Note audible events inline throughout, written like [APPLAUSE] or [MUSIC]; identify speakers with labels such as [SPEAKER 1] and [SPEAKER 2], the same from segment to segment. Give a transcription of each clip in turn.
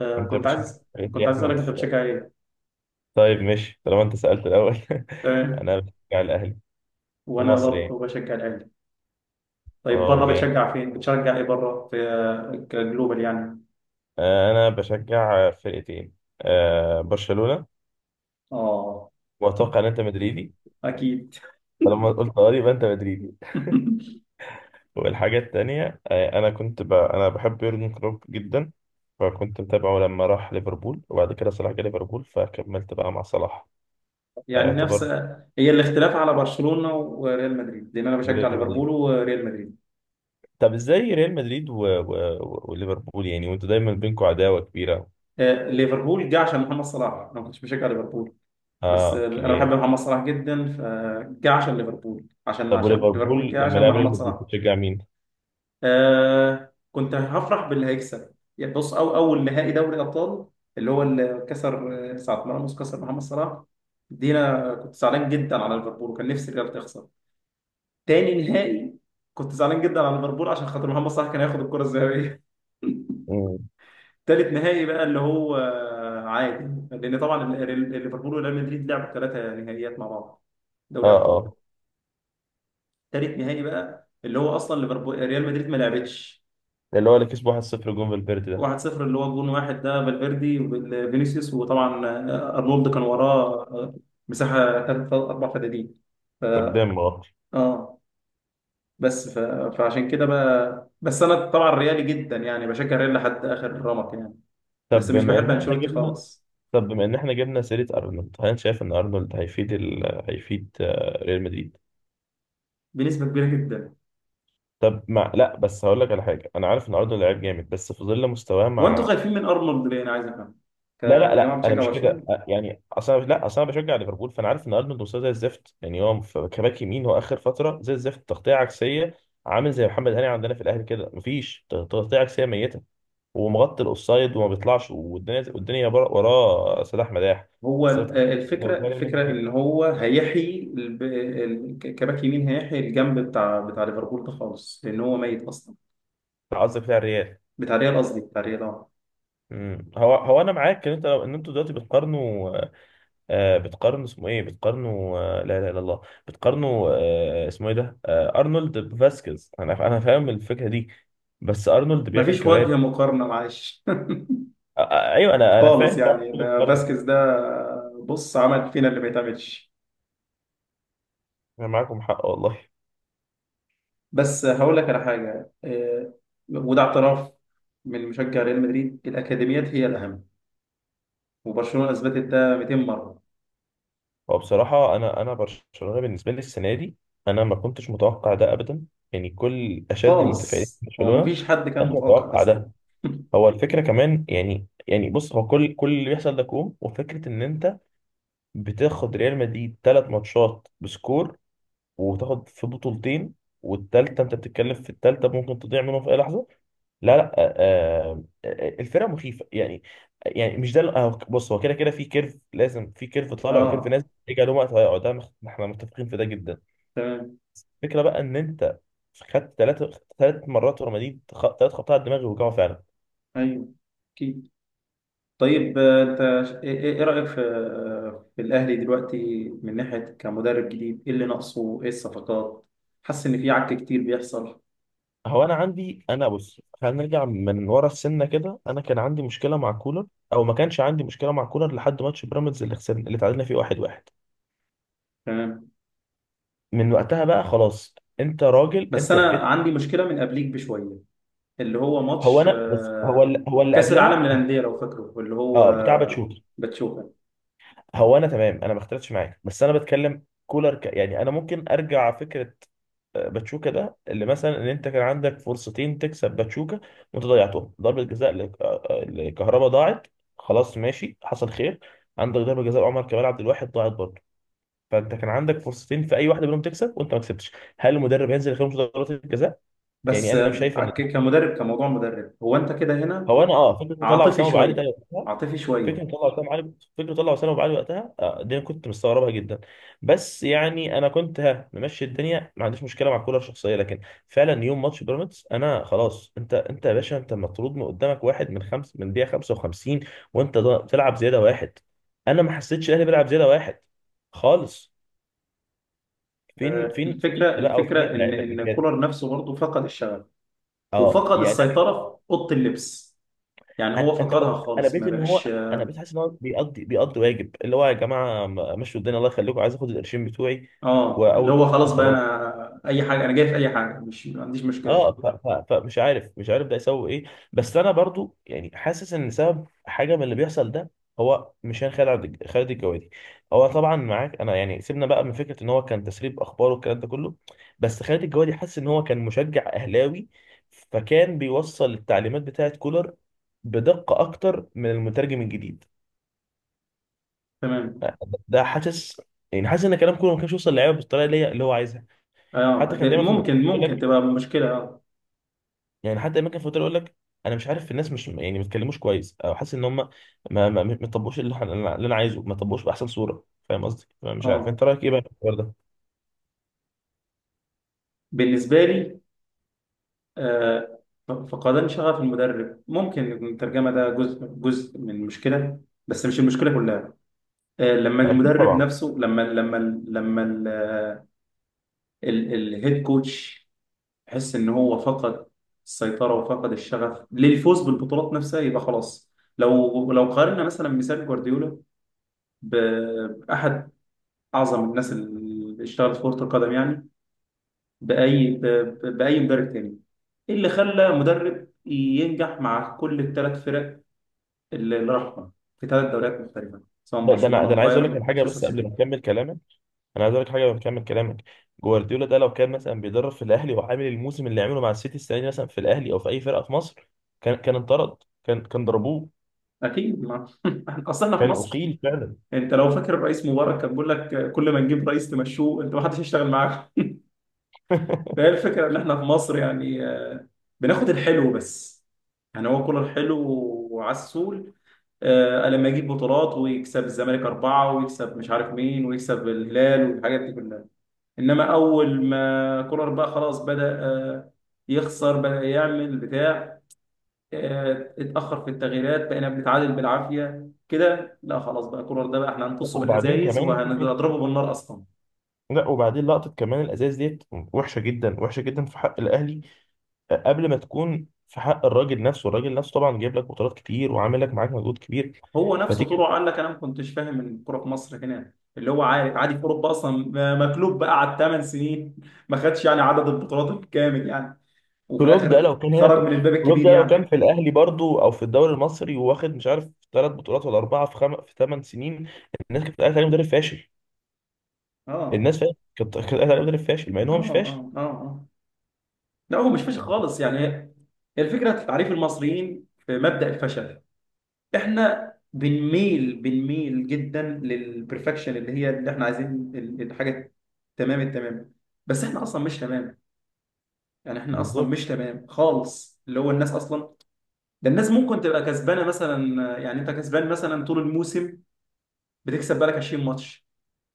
[SPEAKER 1] آه
[SPEAKER 2] انت
[SPEAKER 1] كنت
[SPEAKER 2] بتشجع
[SPEAKER 1] عايز
[SPEAKER 2] فريق
[SPEAKER 1] كنت
[SPEAKER 2] يا
[SPEAKER 1] عايز اسالك،
[SPEAKER 2] احمد؟
[SPEAKER 1] انت بتشجع ايه؟
[SPEAKER 2] طيب ماشي طالما انت سألت الاول. [LAUGHS]
[SPEAKER 1] تمام.
[SPEAKER 2] انا بشجع الاهلي في
[SPEAKER 1] وانا
[SPEAKER 2] مصر يعني.
[SPEAKER 1] برضه بشجع الاهلي. طيب
[SPEAKER 2] اه
[SPEAKER 1] بره
[SPEAKER 2] جامد.
[SPEAKER 1] بتشجع فين؟ بتشجع ايه بره في كجلوبال يعني؟
[SPEAKER 2] انا بشجع فرقتين. برشلونة.
[SPEAKER 1] اه.
[SPEAKER 2] واتوقع ان انت مدريدي،
[SPEAKER 1] [LAUGHS] اكيد.
[SPEAKER 2] فلما قلت اه يبقى انت مدريدي.
[SPEAKER 1] [LAUGHS]
[SPEAKER 2] والحاجة التانية انا كنت انا بحب يورجن كلوب جدا، فكنت متابعه لما راح ليفربول، وبعد كده صلاح جه ليفربول فكملت بقى مع صلاح،
[SPEAKER 1] يعني نفس.
[SPEAKER 2] فيعتبر.
[SPEAKER 1] هي الاختلاف على برشلونة وريال مدريد، لان انا
[SPEAKER 2] من
[SPEAKER 1] بشجع
[SPEAKER 2] ريال مدريد.
[SPEAKER 1] ليفربول وريال مدريد.
[SPEAKER 2] طب ازاي ريال مدريد وليفربول يعني، وانتوا دايما بينكم عداوة كبيرة.
[SPEAKER 1] ليفربول جه عشان محمد صلاح، انا ما كنتش بشجع ليفربول.
[SPEAKER 2] اه
[SPEAKER 1] بس انا بحب
[SPEAKER 2] اوكي.
[SPEAKER 1] محمد صلاح جدا، فجه عشان ليفربول، عشان
[SPEAKER 2] طب
[SPEAKER 1] عشان ليفربول
[SPEAKER 2] وليفربول
[SPEAKER 1] جه
[SPEAKER 2] لما
[SPEAKER 1] عشان
[SPEAKER 2] لعب ريال
[SPEAKER 1] محمد
[SPEAKER 2] مدريد
[SPEAKER 1] صلاح.
[SPEAKER 2] بتشجع مين؟
[SPEAKER 1] كنت هفرح باللي هيكسب، يعني بص، أو أول نهائي دوري أبطال، اللي هو اللي كسر ساعة ما راموس كسر محمد صلاح، دي أنا كنت زعلان جدا على ليفربول وكان نفسي الريال تخسر. تاني نهائي، كنت زعلان جدا على ليفربول عشان خاطر محمد صلاح كان هياخد الكرة الذهبية.
[SPEAKER 2] مم.
[SPEAKER 1] [LAUGHS] تالت نهائي بقى اللي هو عادي، لأن طبعا ليفربول وريال مدريد لعبوا ثلاثة نهائيات مع بعض،
[SPEAKER 2] اه
[SPEAKER 1] دوري أبطال.
[SPEAKER 2] اه،
[SPEAKER 1] تالت نهائي بقى اللي هو أصلا ليفربول ريال مدريد ما لعبتش.
[SPEAKER 2] اللي هو اللي كسبه 1-0 جون فالفيردي ده.
[SPEAKER 1] 1-0 اللي هو جون واحد ده، فالفيردي وفينيسيوس، وطبعا ارنولد كان وراه مساحه ثلاث اربع فدادين. ف
[SPEAKER 2] قدام اه.
[SPEAKER 1] اه. بس فعشان كده بقى، بس انا طبعا ريالي جدا، يعني بشجع ريال لحد اخر رمق يعني. بس
[SPEAKER 2] طب
[SPEAKER 1] مش
[SPEAKER 2] بما
[SPEAKER 1] بحب
[SPEAKER 2] ان احنا
[SPEAKER 1] انشيلوتي
[SPEAKER 2] جبنا،
[SPEAKER 1] خالص.
[SPEAKER 2] طب بما ان احنا جبنا سيرة ارنولد، هل أنت شايف ان ارنولد هيفيد هيفيد ريال مدريد؟
[SPEAKER 1] بنسبه كبيره جدا.
[SPEAKER 2] طب مع لا، بس هقول لك على حاجة، انا عارف ان ارنولد لعيب جامد بس في ظل مستواه
[SPEAKER 1] هو انتوا
[SPEAKER 2] مع.
[SPEAKER 1] خايفين من ارنولد ليه، انا عايز افهم،
[SPEAKER 2] لا لا
[SPEAKER 1] كجماعه
[SPEAKER 2] لا، انا
[SPEAKER 1] بتشجع
[SPEAKER 2] مش كده
[SPEAKER 1] برشلونه.
[SPEAKER 2] يعني، اصلا لا، اصلا انا بشجع ليفربول، فانا عارف ان ارنولد مستواه زي الزفت يعني. هو كباك يمين، هو اخر فتره زي الزفت، تغطيه عكسيه. عامل زي محمد هاني عندنا في الاهلي كده، مفيش تغطيه عكسيه، ميته ومغطي الاوفسايد وما بيطلعش، والدنيا والدنيا وراه سلاح مداح.
[SPEAKER 1] هو
[SPEAKER 2] بس أنا
[SPEAKER 1] ال-
[SPEAKER 2] بتكلم لو
[SPEAKER 1] الفكره
[SPEAKER 2] جاري منه
[SPEAKER 1] الفكره ان هو هيحيي كباك يمين، هيحيي الجنب بتاع ليفربول ده خالص، لان هو ميت اصلا.
[SPEAKER 2] قصدك بتاع الريال.
[SPEAKER 1] بتاع ريال، قصدي بتاع ريال اه.
[SPEAKER 2] أمم. هو هو انا معاك ان انت ان انتوا دلوقتي بتقارنوا. بتقارنه اسمه ايه، بتقارنه لا اله الا الله، بتقارنه اسمه ايه ده، ارنولد بفاسكيز. انا انا فاهم الفكره دي، بس ارنولد بيعمل
[SPEAKER 1] مفيش
[SPEAKER 2] كوارث.
[SPEAKER 1] وجه مقارنة معلش.
[SPEAKER 2] ايوه
[SPEAKER 1] [LAUGHS]
[SPEAKER 2] انا انا
[SPEAKER 1] خالص
[SPEAKER 2] فاهم طبعا
[SPEAKER 1] يعني،
[SPEAKER 2] كل
[SPEAKER 1] ده
[SPEAKER 2] مقارنه.
[SPEAKER 1] فاسكيز ده بص عمل فينا اللي ما يتعملش.
[SPEAKER 2] انا معاكم حق والله.
[SPEAKER 1] بس هقول لك على حاجة، وده اعتراف من مشجع ريال مدريد، الأكاديميات هي الأهم، وبرشلونة أثبتت ده 200 مرة.
[SPEAKER 2] هو بصراحه انا انا برشلونه بالنسبه لي السنه دي، انا ما كنتش متوقع ده ابدا. يعني كل اشد المتفائلين
[SPEAKER 1] خالص،
[SPEAKER 2] في
[SPEAKER 1] هو
[SPEAKER 2] برشلونه
[SPEAKER 1] مفيش حد كان
[SPEAKER 2] كانش
[SPEAKER 1] متوقع
[SPEAKER 2] متوقع
[SPEAKER 1] أصلا.
[SPEAKER 2] ده.
[SPEAKER 1] [LAUGHS]
[SPEAKER 2] هو الفكره كمان يعني، يعني بص، هو كل كل اللي بيحصل ده كوم، وفكره ان انت بتاخد ريال مدريد ثلاث ماتشات بسكور، وتاخد في بطولتين، والتالتة انت بتتكلم في التالتة ممكن تضيع منهم في اي لحظة. لا لا الفرقة مخيفة يعني. يعني مش ده بص، هو كده كده في كيرف، لازم في كيرف طالع وكيرف نازل
[SPEAKER 1] اه،
[SPEAKER 2] يجي عليهم وقت هيقعد ده احنا متفقين في ده جدا.
[SPEAKER 1] تمام.
[SPEAKER 2] الفكرة بقى ان انت خدت ثلاثة، ثلاث مرات ورا مدريد، ثلاث خبطات على الدماغ، وجعوا فعلا.
[SPEAKER 1] ايوه، اكيد. طيب انت إيه رأيك في في الاهلي دلوقتي، من ناحية كمدرب جديد، ايه اللي ناقصه، ايه الصفقات؟ حاسس ان في عك كتير بيحصل.
[SPEAKER 2] هو انا عندي، انا بص خلينا نرجع من ورا السنه كده، انا كان عندي مشكله مع كولر، او ما كانش عندي مشكله مع كولر لحد ماتش بيراميدز اللي خسرنا اللي تعادلنا فيه 1-1.
[SPEAKER 1] تمام.
[SPEAKER 2] من وقتها بقى خلاص، انت راجل
[SPEAKER 1] بس
[SPEAKER 2] انت
[SPEAKER 1] انا
[SPEAKER 2] بت.
[SPEAKER 1] عندي مشكلة من قبليك بشوية، اللي هو
[SPEAKER 2] هو
[SPEAKER 1] ماتش
[SPEAKER 2] انا بص، هو اللي هو اللي
[SPEAKER 1] كأس العالم
[SPEAKER 2] قبلها.
[SPEAKER 1] للأندية لو فاكره، اللي هو
[SPEAKER 2] اه، بتاع باتشوكا.
[SPEAKER 1] باتشوكا.
[SPEAKER 2] هو انا تمام، انا ما اختلفتش معاك بس انا بتكلم كولر يعني، انا ممكن ارجع فكره باتشوكا ده، اللي مثلا ان انت كان عندك فرصتين تكسب باتشوكا وانت ضيعتهم. ضربه جزاء لكهربا ضاعت، خلاص ماشي حصل خير. عندك ضربه جزاء عمر كمال عبد الواحد ضاعت برضه. فانت كان عندك فرصتين في اي واحده منهم تكسب وانت ما كسبتش. هل المدرب هينزل يخرج ضربات الجزاء؟ يعني
[SPEAKER 1] بس
[SPEAKER 2] انا مش شايف ان.
[SPEAKER 1] كمدرب، كموضوع مدرب، هو انت كده هنا.
[SPEAKER 2] هو انا اه فكره مطلع
[SPEAKER 1] عاطفي
[SPEAKER 2] وسام ابو علي ده
[SPEAKER 1] شوية.
[SPEAKER 2] وقتها،
[SPEAKER 1] عاطفي
[SPEAKER 2] فكره
[SPEAKER 1] شوية.
[SPEAKER 2] مطلع وسام ابو علي، فكره مطلع وسام ابو علي وقتها، آه دي أنا كنت مستغربها جدا. بس يعني انا كنت ها ممشي الدنيا، ما عنديش مشكله مع الكوره الشخصيه، لكن فعلا يوم ماتش بيراميدز انا خلاص. انت انت يا باشا، انت مطرود من قدامك واحد من خمس من دقيقه 55، وانت بتلعب زياده واحد. انا ما حسيتش الاهلي بيلعب زياده واحد خالص. فين فين فين
[SPEAKER 1] الفكرة
[SPEAKER 2] انت بقى، وفين
[SPEAKER 1] الفكرة ان
[SPEAKER 2] اللعيبه اللي
[SPEAKER 1] ان
[SPEAKER 2] جت؟
[SPEAKER 1] كولر نفسه برضه فقد الشغف،
[SPEAKER 2] اه
[SPEAKER 1] وفقد
[SPEAKER 2] يعني.
[SPEAKER 1] السيطرة في أوضة اللبس. يعني هو
[SPEAKER 2] انت عارف،
[SPEAKER 1] فقدها
[SPEAKER 2] انا
[SPEAKER 1] خالص،
[SPEAKER 2] بقيت
[SPEAKER 1] ما
[SPEAKER 2] ان هو،
[SPEAKER 1] بقاش.
[SPEAKER 2] انا بقيت حاسس ان هو بيقضي بيقضي واجب، اللي هو يا جماعه مشوا الدنيا الله يخليكم، عايز اخد القرشين بتوعي.
[SPEAKER 1] اه، اللي
[SPEAKER 2] واول
[SPEAKER 1] هو خلاص بقى،
[SPEAKER 2] وخلاص.
[SPEAKER 1] انا اي حاجه، انا جاي في اي حاجه، مش ما عنديش مشكله.
[SPEAKER 2] اه فمش عارف، مش عارف ده يسوي ايه. بس انا برضو يعني حاسس ان سبب حاجه من اللي بيحصل ده هو مش خالد، خالد الجوادي. هو طبعا معاك انا يعني، سيبنا بقى من فكره ان هو كان تسريب اخبار والكلام ده كله، بس خالد الجوادي حاسس ان هو كان مشجع اهلاوي، فكان بيوصل التعليمات بتاعه كولر بدقه اكتر من المترجم الجديد
[SPEAKER 1] تمام.
[SPEAKER 2] ده، حاسس. يعني حاسس ان كلام كله ما كانش يوصل للعيبه بالطريقه اللي هي اللي هو عايزها.
[SPEAKER 1] اه،
[SPEAKER 2] حتى كان
[SPEAKER 1] ده
[SPEAKER 2] دايما في
[SPEAKER 1] ممكن
[SPEAKER 2] المؤتمر يقول
[SPEAKER 1] ممكن
[SPEAKER 2] لك،
[SPEAKER 1] تبقى مشكله اه.
[SPEAKER 2] يعني حتى دايما كان في المؤتمر يقول لك انا مش عارف الناس مش يعني ما بيتكلموش كويس، او حاسس ان هم ما طبقوش اللي اللي انا عايزه، ما طبقوش باحسن صوره، فاهم قصدي؟ فأنا مش عارف
[SPEAKER 1] اه،
[SPEAKER 2] انت رايك ايه بقى في الحوار ده.
[SPEAKER 1] بالنسبه لي، آه فقدان شغف المدرب ممكن يكون الترجمه ده جزء من المشكله، بس مش المشكله كلها. لما
[SPEAKER 2] اكيد
[SPEAKER 1] المدرب
[SPEAKER 2] طبعا.
[SPEAKER 1] نفسه، لما لما الهيد كوتش تحس ان هو فقد السيطره، وفقد الشغف للفوز بالبطولات نفسها، يبقى خلاص. لو قارنا مثلا مثال جوارديولا باحد اعظم الناس اللي اشتغلت في كره القدم، يعني باي ب- باي مدرب تاني. إيه اللي خلى مدرب ينجح مع كل الثلاث فرق اللي راحهم في ثلاث دوريات مختلفه، سواء
[SPEAKER 2] ده انا
[SPEAKER 1] برشلونه
[SPEAKER 2] انا عايز اقول
[SPEAKER 1] وبايرن
[SPEAKER 2] لك على حاجه
[SPEAKER 1] مانشستر
[SPEAKER 2] بس قبل ما
[SPEAKER 1] سيتي.
[SPEAKER 2] اكمل كلامك، انا عايز اقول لك حاجه قبل ما اكمل كلامك. جوارديولا ده لو كان مثلا بيدرب في الاهلي وعامل الموسم اللي عمله مع السيتي السنه دي مثلا في الاهلي او في اي فرقه في مصر، كان انطرد، كان ضربوه.
[SPEAKER 1] اكيد ما. [LAUGHS] اصل احنا في
[SPEAKER 2] كان
[SPEAKER 1] مصر،
[SPEAKER 2] اقيل فعلا
[SPEAKER 1] انت لو فاكر الرئيس مبارك كان بيقول لك كل ما نجيب رئيس تمشوه، انت ما حدش يشتغل معاك. فهي
[SPEAKER 2] [LAUGHS]
[SPEAKER 1] الفكرة إن إحنا في مصر يعني، بناخد الحلو بس. يعني هو كل الحلو وعسول، لما يجيب بطولات ويكسب الزمالك أربعة ويكسب مش عارف مين ويكسب الهلال والحاجات دي كلها. إنما أول ما كولر بقى خلاص بدأ يخسر، بدأ يعمل بتاع، اتأخر في التغييرات، بقينا بنتعادل بالعافية كده، لا خلاص بقى كولر ده بقى إحنا هنقصه
[SPEAKER 2] وبعدين
[SPEAKER 1] بالأزايز
[SPEAKER 2] كمان فكره.
[SPEAKER 1] وهنضربه بالنار أصلا.
[SPEAKER 2] لا وبعدين لقطه كمان الازاز ديت وحشه جدا، وحشه جدا في حق الاهلي قبل ما تكون في حق الراجل نفسه. الراجل نفسه طبعا جايب لك بطولات كتير وعامل لك معاك مجهود كبير.
[SPEAKER 1] هو نفسه
[SPEAKER 2] فتيجي،
[SPEAKER 1] طلع قال لك انا ما كنتش فاهم الكوره في مصر هنا اللي هو، عارف عادي، في اوروبا اصلا مكلوب بقى على 8 سنين. [LAUGHS] ما خدش يعني عدد البطولات الكامل يعني، وفي
[SPEAKER 2] كلوب ده
[SPEAKER 1] الاخر
[SPEAKER 2] لو كان هنا
[SPEAKER 1] خرج
[SPEAKER 2] في،
[SPEAKER 1] من الباب
[SPEAKER 2] كلوب
[SPEAKER 1] الكبير
[SPEAKER 2] ده لو كان
[SPEAKER 1] يعني.
[SPEAKER 2] في الاهلي برضو او في الدوري المصري، وواخد مش عارف ثلاث بطولات ولا اربعه في في ثمان سنين، الناس كانت قاعده عليه مدرب فاشل.
[SPEAKER 1] اه،
[SPEAKER 2] الناس فا- كانت كانت قاعده عليه مدرب فاشل مع ان
[SPEAKER 1] اه،
[SPEAKER 2] هو مش فاشل.
[SPEAKER 1] اه. اه، اه. لا، هو مش فاشل
[SPEAKER 2] ف-
[SPEAKER 1] خالص يعني، هي الفكره في تعريف المصريين في مبدأ الفشل. احنا بنميل، جدا للبرفكشن اللي هي اللي احنا عايزين، الحاجه تمام التمام، بس احنا اصلا مش تمام. يعني احنا اصلا
[SPEAKER 2] بالظبط.
[SPEAKER 1] مش تمام خالص، اللي هو الناس اصلا، ده الناس ممكن تبقى كسبانه مثلا، يعني انت كسبان مثلا طول الموسم، بتكسب بالك 20 ماتش،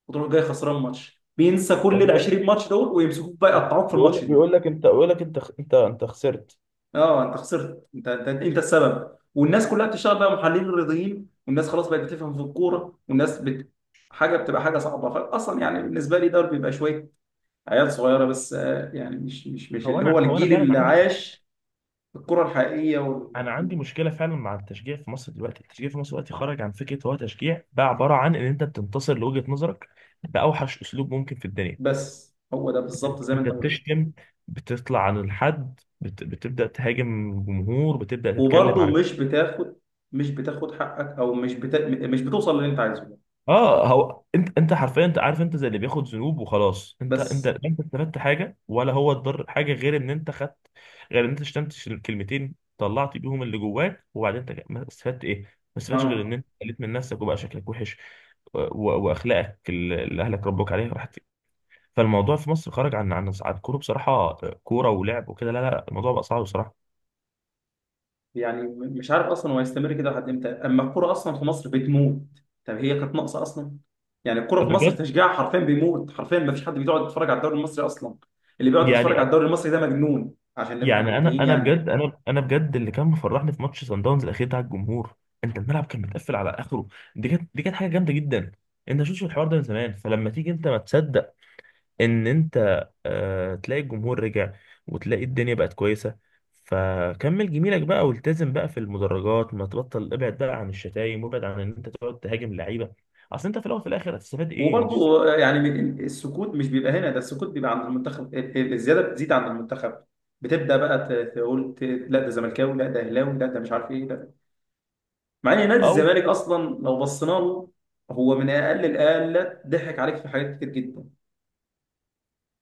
[SPEAKER 1] وتروح جاي خسران ماتش، بينسى كل ال
[SPEAKER 2] الناس
[SPEAKER 1] 20 ماتش دول، ويمسكوك بقى يقطعوك في الماتش
[SPEAKER 2] بيقول،
[SPEAKER 1] ده.
[SPEAKER 2] بيقول لك انت، بيقول لك انت انت انت خسرت.
[SPEAKER 1] اه، انت خسرت، انت السبب، والناس كلها بتشتغل بقى محللين رياضيين، والناس خلاص بقت بتفهم في الكوره، والناس حاجه بتبقى حاجه صعبه، فاصلا يعني بالنسبه لي ده بيبقى شويه عيال صغيره بس، يعني مش مش
[SPEAKER 2] هو
[SPEAKER 1] اللي هو
[SPEAKER 2] انا، هو انا
[SPEAKER 1] الجيل
[SPEAKER 2] فعلا
[SPEAKER 1] اللي
[SPEAKER 2] عندي،
[SPEAKER 1] عاش الكره الحقيقيه.
[SPEAKER 2] انا عندي مشكله فعلا مع التشجيع في مصر دلوقتي. التشجيع في مصر دلوقتي خرج عن فكره هو تشجيع، بقى عباره عن ان انت بتنتصر لوجهه نظرك باوحش اسلوب ممكن في الدنيا.
[SPEAKER 1] بس هو ده بالظبط زي ما
[SPEAKER 2] انت
[SPEAKER 1] انت قلت،
[SPEAKER 2] بتشتم، بتطلع عن الحد، بتبدا تهاجم جمهور، بتبدا تتكلم.
[SPEAKER 1] وبرضه مش بتاخد، مش بتاخد حقك، او مش بتوصل للي انت عايزه،
[SPEAKER 2] اه هو انت انت حرفيا، انت عارف انت زي اللي بياخد ذنوب وخلاص، انت انت
[SPEAKER 1] بس.
[SPEAKER 2] لا انت استفدت حاجه، ولا هو اتضر حاجه، غير ان انت خدت، غير ان انت شتمت كلمتين طلعت بيهم اللي جواك، وبعدين انت ما استفدت ايه؟ ما استفدتش غير ان
[SPEAKER 1] اه
[SPEAKER 2] انت قلت من نفسك وبقى شكلك وحش و- واخلاقك اللي اللي اهلك ربوك عليها راحت. فالموضوع في مصر خرج عن عن عن كوره بصراحه، كوره ولعب وكده، لا لا الموضوع بقى صعب بصراحه.
[SPEAKER 1] يعني مش عارف اصلا هو هيستمر كده لحد امتى، اما الكرة اصلا في مصر بتموت. طب هي كانت ناقصة اصلا. يعني الكرة في مصر
[SPEAKER 2] بجد
[SPEAKER 1] تشجيعها حرفيا بيموت، حرفيا ما فيش حد بيقعد يتفرج على الدوري المصري اصلا. اللي بيقعد
[SPEAKER 2] يعني.
[SPEAKER 1] يتفرج على الدوري المصري ده مجنون، عشان نبقى
[SPEAKER 2] يعني انا
[SPEAKER 1] منتهين
[SPEAKER 2] انا
[SPEAKER 1] يعني.
[SPEAKER 2] بجد، انا انا بجد اللي كان مفرحني في ماتش سان داونز الاخير بتاع الجمهور. انت الملعب كان متقفل على اخره، دي كانت، دي كانت حاجه جامده جدا. انت شفتش الحوار ده من زمان، فلما تيجي انت ما تصدق ان انت آه تلاقي الجمهور رجع، وتلاقي الدنيا بقت كويسه. فكمل جميلك بقى والتزم بقى في المدرجات، ما تبطل، ابعد بقى عن الشتايم، وابعد عن ان انت تقعد تهاجم اللعيبه. اصل انت في الاول وفي الاخر هتستفاد ايه؟ مش
[SPEAKER 1] وبرضو يعني السكوت مش بيبقى هنا، ده السكوت بيبقى عند المنتخب، الزياده بتزيد عند المنتخب، بتبدا بقى تقول لا ده زملكاوي، لا ده اهلاوي، لا ده مش عارف ايه، لا. مع ان نادي
[SPEAKER 2] او
[SPEAKER 1] الزمالك اصلا لو بصينا له، هو من اقل الاقل ضحك عليك في حاجات كتير جدا.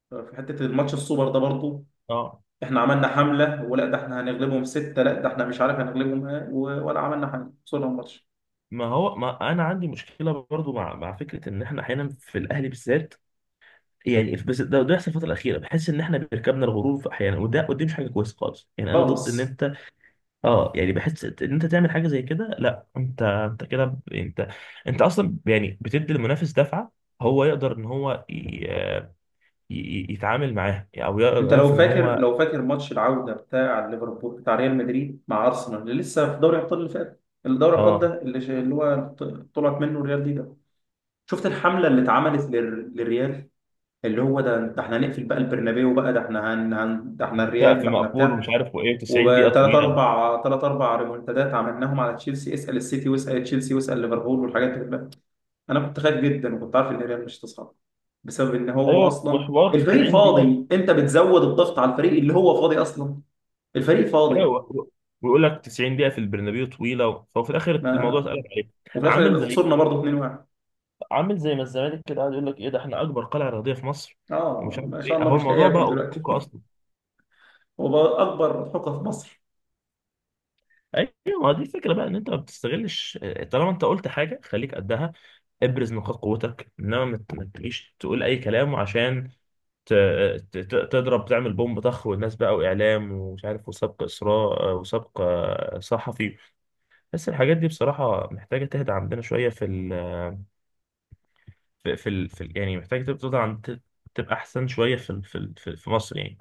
[SPEAKER 1] في حته الماتش السوبر ده برضو،
[SPEAKER 2] اه.
[SPEAKER 1] احنا عملنا حمله، ولا ده احنا هنغلبهم سته، لا ده احنا مش عارف هنغلبهم إيه، ولا عملنا حاجه، خسرنا الماتش.
[SPEAKER 2] ما هو ما انا عندي مشكله برضو مع مع فكره ان احنا احيانا في الاهلي بالذات يعني بس ده يحصل الفترة الأخيرة. بحس إن إحنا بيركبنا الغرور في أحيانا، وده ودي مش حاجة كويسة خالص، يعني أنا ضد إن
[SPEAKER 1] خالص.
[SPEAKER 2] أنت. أه يعني بحس إن أنت تعمل حاجة زي كده، لا أنت أنت كده أنت، أنت أصلا يعني بتدي المنافس دفعة. هو يقدر إن هو يتعامل معاها، أو يقدر
[SPEAKER 1] انت
[SPEAKER 2] يعرف
[SPEAKER 1] لو
[SPEAKER 2] إن
[SPEAKER 1] فاكر،
[SPEAKER 2] هو
[SPEAKER 1] ماتش العوده بتاع ليفربول بتاع ريال مدريد مع ارسنال، اللي لسه في دوري ابطال، اللي فات الدوري الابطال
[SPEAKER 2] أه
[SPEAKER 1] ده، اللي اللي هو طلعت منه الريال دي ده، شفت الحمله اللي اتعملت للريال؟ اللي هو ده احنا هنقفل بقى البرنابيو بقى، ده احنا ده احنا الريال،
[SPEAKER 2] سقف
[SPEAKER 1] ده احنا
[SPEAKER 2] مقفول ومش
[SPEAKER 1] بتاع،
[SPEAKER 2] عارف وإيه، 90 دقيقة
[SPEAKER 1] وثلاث
[SPEAKER 2] طويلة.
[SPEAKER 1] اربع ثلاث اربع ريمونتادات عملناهم على تشيلسي، اسال السيتي، واسال تشيلسي، واسال ليفربول، والحاجات دي كلها. انا كنت خايف جدا، وكنت عارف ان الريال مش هتصعد، بسبب ان هو
[SPEAKER 2] أيوه
[SPEAKER 1] اصلا
[SPEAKER 2] وحوار
[SPEAKER 1] الفريق
[SPEAKER 2] 90 دقيقة.
[SPEAKER 1] فاضي. انت بتزود الضغط على الفريق اللي هو فاضي اصلا، الفريق فاضي.
[SPEAKER 2] أيوه ويقول لك 90 دقيقة في البرنابيو طويلة، فهو في الآخر
[SPEAKER 1] ما،
[SPEAKER 2] الموضوع اتقلب عليك.
[SPEAKER 1] وفي
[SPEAKER 2] عامل
[SPEAKER 1] الاخر
[SPEAKER 2] زي،
[SPEAKER 1] خسرنا برضه 2-1.
[SPEAKER 2] عامل زي ما الزمالك كده قاعد يقول لك ايه ده، احنا اكبر قلعه رياضيه في مصر، ومش
[SPEAKER 1] اه،
[SPEAKER 2] عارف
[SPEAKER 1] ما شاء
[SPEAKER 2] ايه،
[SPEAKER 1] الله،
[SPEAKER 2] اهو
[SPEAKER 1] مش لاقي
[SPEAKER 2] الموضوع بقى
[SPEAKER 1] اكل دلوقتي.
[SPEAKER 2] قدامك اصلا.
[SPEAKER 1] [LAUGHS] هو بقى اكبر حقوق في مصر.
[SPEAKER 2] ايوه، ما دي الفكره بقى ان انت ما بتستغلش. طالما انت قلت حاجه خليك قدها، ابرز نقاط قوتك، انما ما ما تجيش تقول اي كلام عشان ت- تضرب، تعمل بومب طخ، والناس بقى واعلام ومش عارف وسبق اسراء وسبق صحفي. بس الحاجات دي بصراحه محتاجه تهدى عندنا شويه في ال في في ال يعني، محتاجه تبقى تبقى تبقى احسن شويه في في مصر يعني.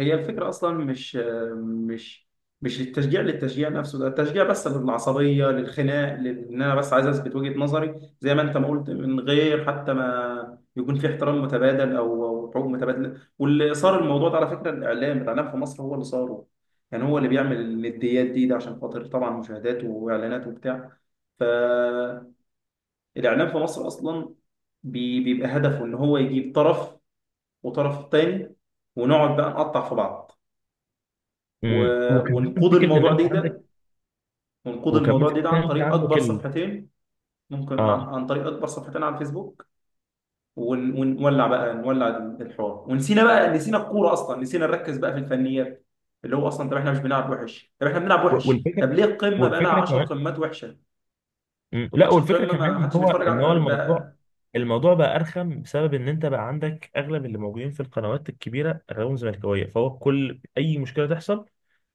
[SPEAKER 1] هي الفكرة أصلا مش، مش التشجيع للتشجيع نفسه، ده التشجيع بس للعصبية، للخناق، إن أنا بس عايز أثبت وجهة نظري زي ما أنت ما قلت، من غير حتى ما يكون في احترام متبادل، أو حقوق متبادلة. واللي صار الموضوع ده على فكرة، الإعلام، في مصر هو اللي صاره. يعني هو اللي بيعمل النديات دي ده، عشان خاطر طبعا مشاهدات وإعلانات وبتاع. فالإعلام في مصر أصلا بيبقى هدفه إن هو يجيب طرف وطرف تاني، ونقعد بقى نقطع في بعض،
[SPEAKER 2] مم. وكمان
[SPEAKER 1] ونقود
[SPEAKER 2] فكره ان
[SPEAKER 1] الموضوع
[SPEAKER 2] انت
[SPEAKER 1] دي
[SPEAKER 2] عندك،
[SPEAKER 1] ده، ونقود
[SPEAKER 2] وكمان
[SPEAKER 1] الموضوع دي
[SPEAKER 2] فكره
[SPEAKER 1] ده
[SPEAKER 2] ان
[SPEAKER 1] عن
[SPEAKER 2] انت
[SPEAKER 1] طريق
[SPEAKER 2] عندك
[SPEAKER 1] اكبر
[SPEAKER 2] ال...
[SPEAKER 1] صفحتين، ممكن
[SPEAKER 2] اه
[SPEAKER 1] عن طريق اكبر صفحتين على الفيسبوك. ونولع بقى، نولع الحوار، ونسينا بقى، نسينا الكوره اصلا، نسينا نركز بقى في الفنيات، اللي هو اصلا، طب احنا مش بنلعب وحش، طب احنا بنلعب وحش،
[SPEAKER 2] والفكره
[SPEAKER 1] طب ليه القمه بقى لها
[SPEAKER 2] والفكره
[SPEAKER 1] 10
[SPEAKER 2] كمان.
[SPEAKER 1] قمات وحشه؟
[SPEAKER 2] مم. لا
[SPEAKER 1] ماتش
[SPEAKER 2] والفكره
[SPEAKER 1] القمه ما
[SPEAKER 2] كمان ان
[SPEAKER 1] حدش
[SPEAKER 2] هو
[SPEAKER 1] بيتفرج
[SPEAKER 2] ان هو
[SPEAKER 1] على ده.
[SPEAKER 2] الموضوع، الموضوع بقى ارخم بسبب ان انت بقى عندك اغلب اللي موجودين في القنوات الكبيره اغلبهم زملكاويه، فهو كل اي مشكله تحصل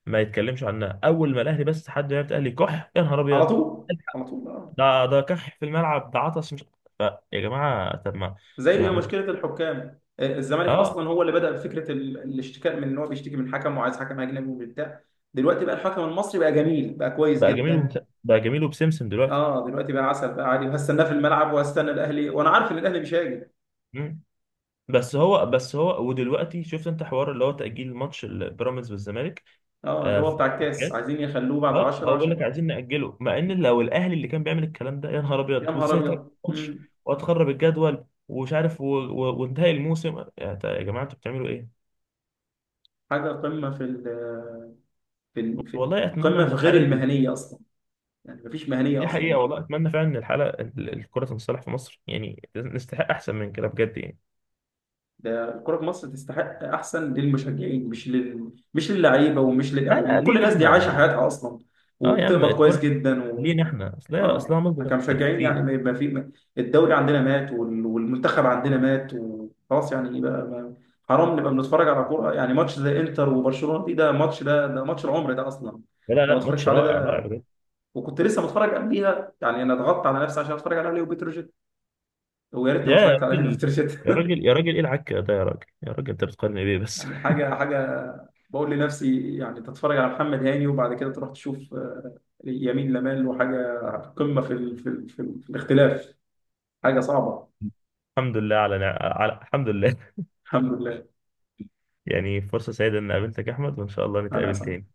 [SPEAKER 2] ما يتكلمش عنها، اول ما الاهلي بس حد يعرف الاهلي كح يا نهار
[SPEAKER 1] على
[SPEAKER 2] ابيض.
[SPEAKER 1] طول، على طول. آه.
[SPEAKER 2] ده ده كح في الملعب، ده عطس مش. ف- يا جماعه طب ما.
[SPEAKER 1] زي
[SPEAKER 2] ما ما انتوا.
[SPEAKER 1] مشكله الحكام، الزمالك
[SPEAKER 2] اه
[SPEAKER 1] اصلا هو اللي بدا بفكره الاشتكاء، من ان هو بيشتكي من حكم وعايز حكم اجنبي وبتاع. دلوقتي بقى الحكم المصري بقى جميل، بقى كويس
[SPEAKER 2] بقى جميل
[SPEAKER 1] جدا.
[SPEAKER 2] بقى جميل وبسمسم دلوقتي.
[SPEAKER 1] اه دلوقتي بقى عسل، بقى عادي، وهستناه في الملعب، وهستنى الاهلي، وانا عارف ان الاهلي مش هاجي.
[SPEAKER 2] بس هو بس هو ودلوقتي شفت انت حوار اللي هو تأجيل ماتش البيراميدز والزمالك،
[SPEAKER 1] اه اللي هو
[SPEAKER 2] في
[SPEAKER 1] بتاع الكاس
[SPEAKER 2] الكاس.
[SPEAKER 1] عايزين يخلوه بعد
[SPEAKER 2] اه
[SPEAKER 1] 10
[SPEAKER 2] هو بيقول لك
[SPEAKER 1] عشان.
[SPEAKER 2] عايزين نأجله، مع ان لو الاهلي اللي كان بيعمل الكلام ده يا نهار
[SPEAKER 1] يا
[SPEAKER 2] ابيض،
[SPEAKER 1] نهار
[SPEAKER 2] وازاي تأجل
[SPEAKER 1] ابيض.
[SPEAKER 2] ماتش،
[SPEAKER 1] مم.
[SPEAKER 2] وهتخرب الجدول، ومش عارف وانتهي الموسم، يا يا جماعه انتوا بتعملوا ايه؟
[SPEAKER 1] حاجه قمه في ال في ال- في
[SPEAKER 2] والله اتمنى
[SPEAKER 1] قمه
[SPEAKER 2] ان
[SPEAKER 1] في غير
[SPEAKER 2] الحاله
[SPEAKER 1] المهنيه اصلا، يعني مفيش مهنيه
[SPEAKER 2] دي حقيقه،
[SPEAKER 1] اصلا.
[SPEAKER 2] والله اتمنى فعلا ان الحاله الكره تنصلح في مصر، يعني نستحق احسن من كده بجد يعني.
[SPEAKER 1] ده الكرة في مصر تستحق أحسن للمشجعين، مش للعيبة ومش
[SPEAKER 2] لا لا
[SPEAKER 1] للإعلاميين. كل
[SPEAKER 2] لينا
[SPEAKER 1] الناس دي
[SPEAKER 2] احنا
[SPEAKER 1] عايشة
[SPEAKER 2] يعني.
[SPEAKER 1] حياتها أصلا،
[SPEAKER 2] اه يا عم
[SPEAKER 1] وبتقبض كويس
[SPEAKER 2] الكره
[SPEAKER 1] جدا.
[SPEAKER 2] لينا احنا اصلها، اصلها
[SPEAKER 1] إحنا
[SPEAKER 2] مصدر
[SPEAKER 1] كمشجعين يعني،
[SPEAKER 2] ترفيه.
[SPEAKER 1] ما يبقى في الدوري عندنا مات، والمنتخب عندنا مات، وخلاص يعني بقى ما... حرام نبقى بنتفرج على كورة، يعني ماتش زي إنتر وبرشلونة دي، ده ماتش ده ماتش العمر ده، أصلا
[SPEAKER 2] لا لا
[SPEAKER 1] لو ما
[SPEAKER 2] لا،
[SPEAKER 1] اتفرجش
[SPEAKER 2] ماتش
[SPEAKER 1] عليه
[SPEAKER 2] رائع رائع
[SPEAKER 1] ده،
[SPEAKER 2] بجد.
[SPEAKER 1] وكنت لسه متفرج قبليها، يعني انا ضغطت على نفسي عشان اتفرج على ليو بتروجيت، ويا ريتني ما
[SPEAKER 2] يا يا
[SPEAKER 1] اتفرجت على ليو
[SPEAKER 2] راجل،
[SPEAKER 1] بتروجيت،
[SPEAKER 2] يا راجل يا راجل ايه العك ده يا راجل يا راجل، انت بتقارن بيه بس.
[SPEAKER 1] يعني حاجه بقول لنفسي يعني تتفرج على محمد هاني، وبعد كده تروح تشوف يمين لمال، وحاجه قمه في الاختلاف، حاجه صعبه.
[SPEAKER 2] [LAUGHS] الحمد لله على الحمد لله.
[SPEAKER 1] الحمد لله.
[SPEAKER 2] [LAUGHS] يعني فرصة سعيدة ان قابلتك يا احمد، وان شاء الله
[SPEAKER 1] انا
[SPEAKER 2] نتقابل
[SPEAKER 1] اسف.
[SPEAKER 2] تاني.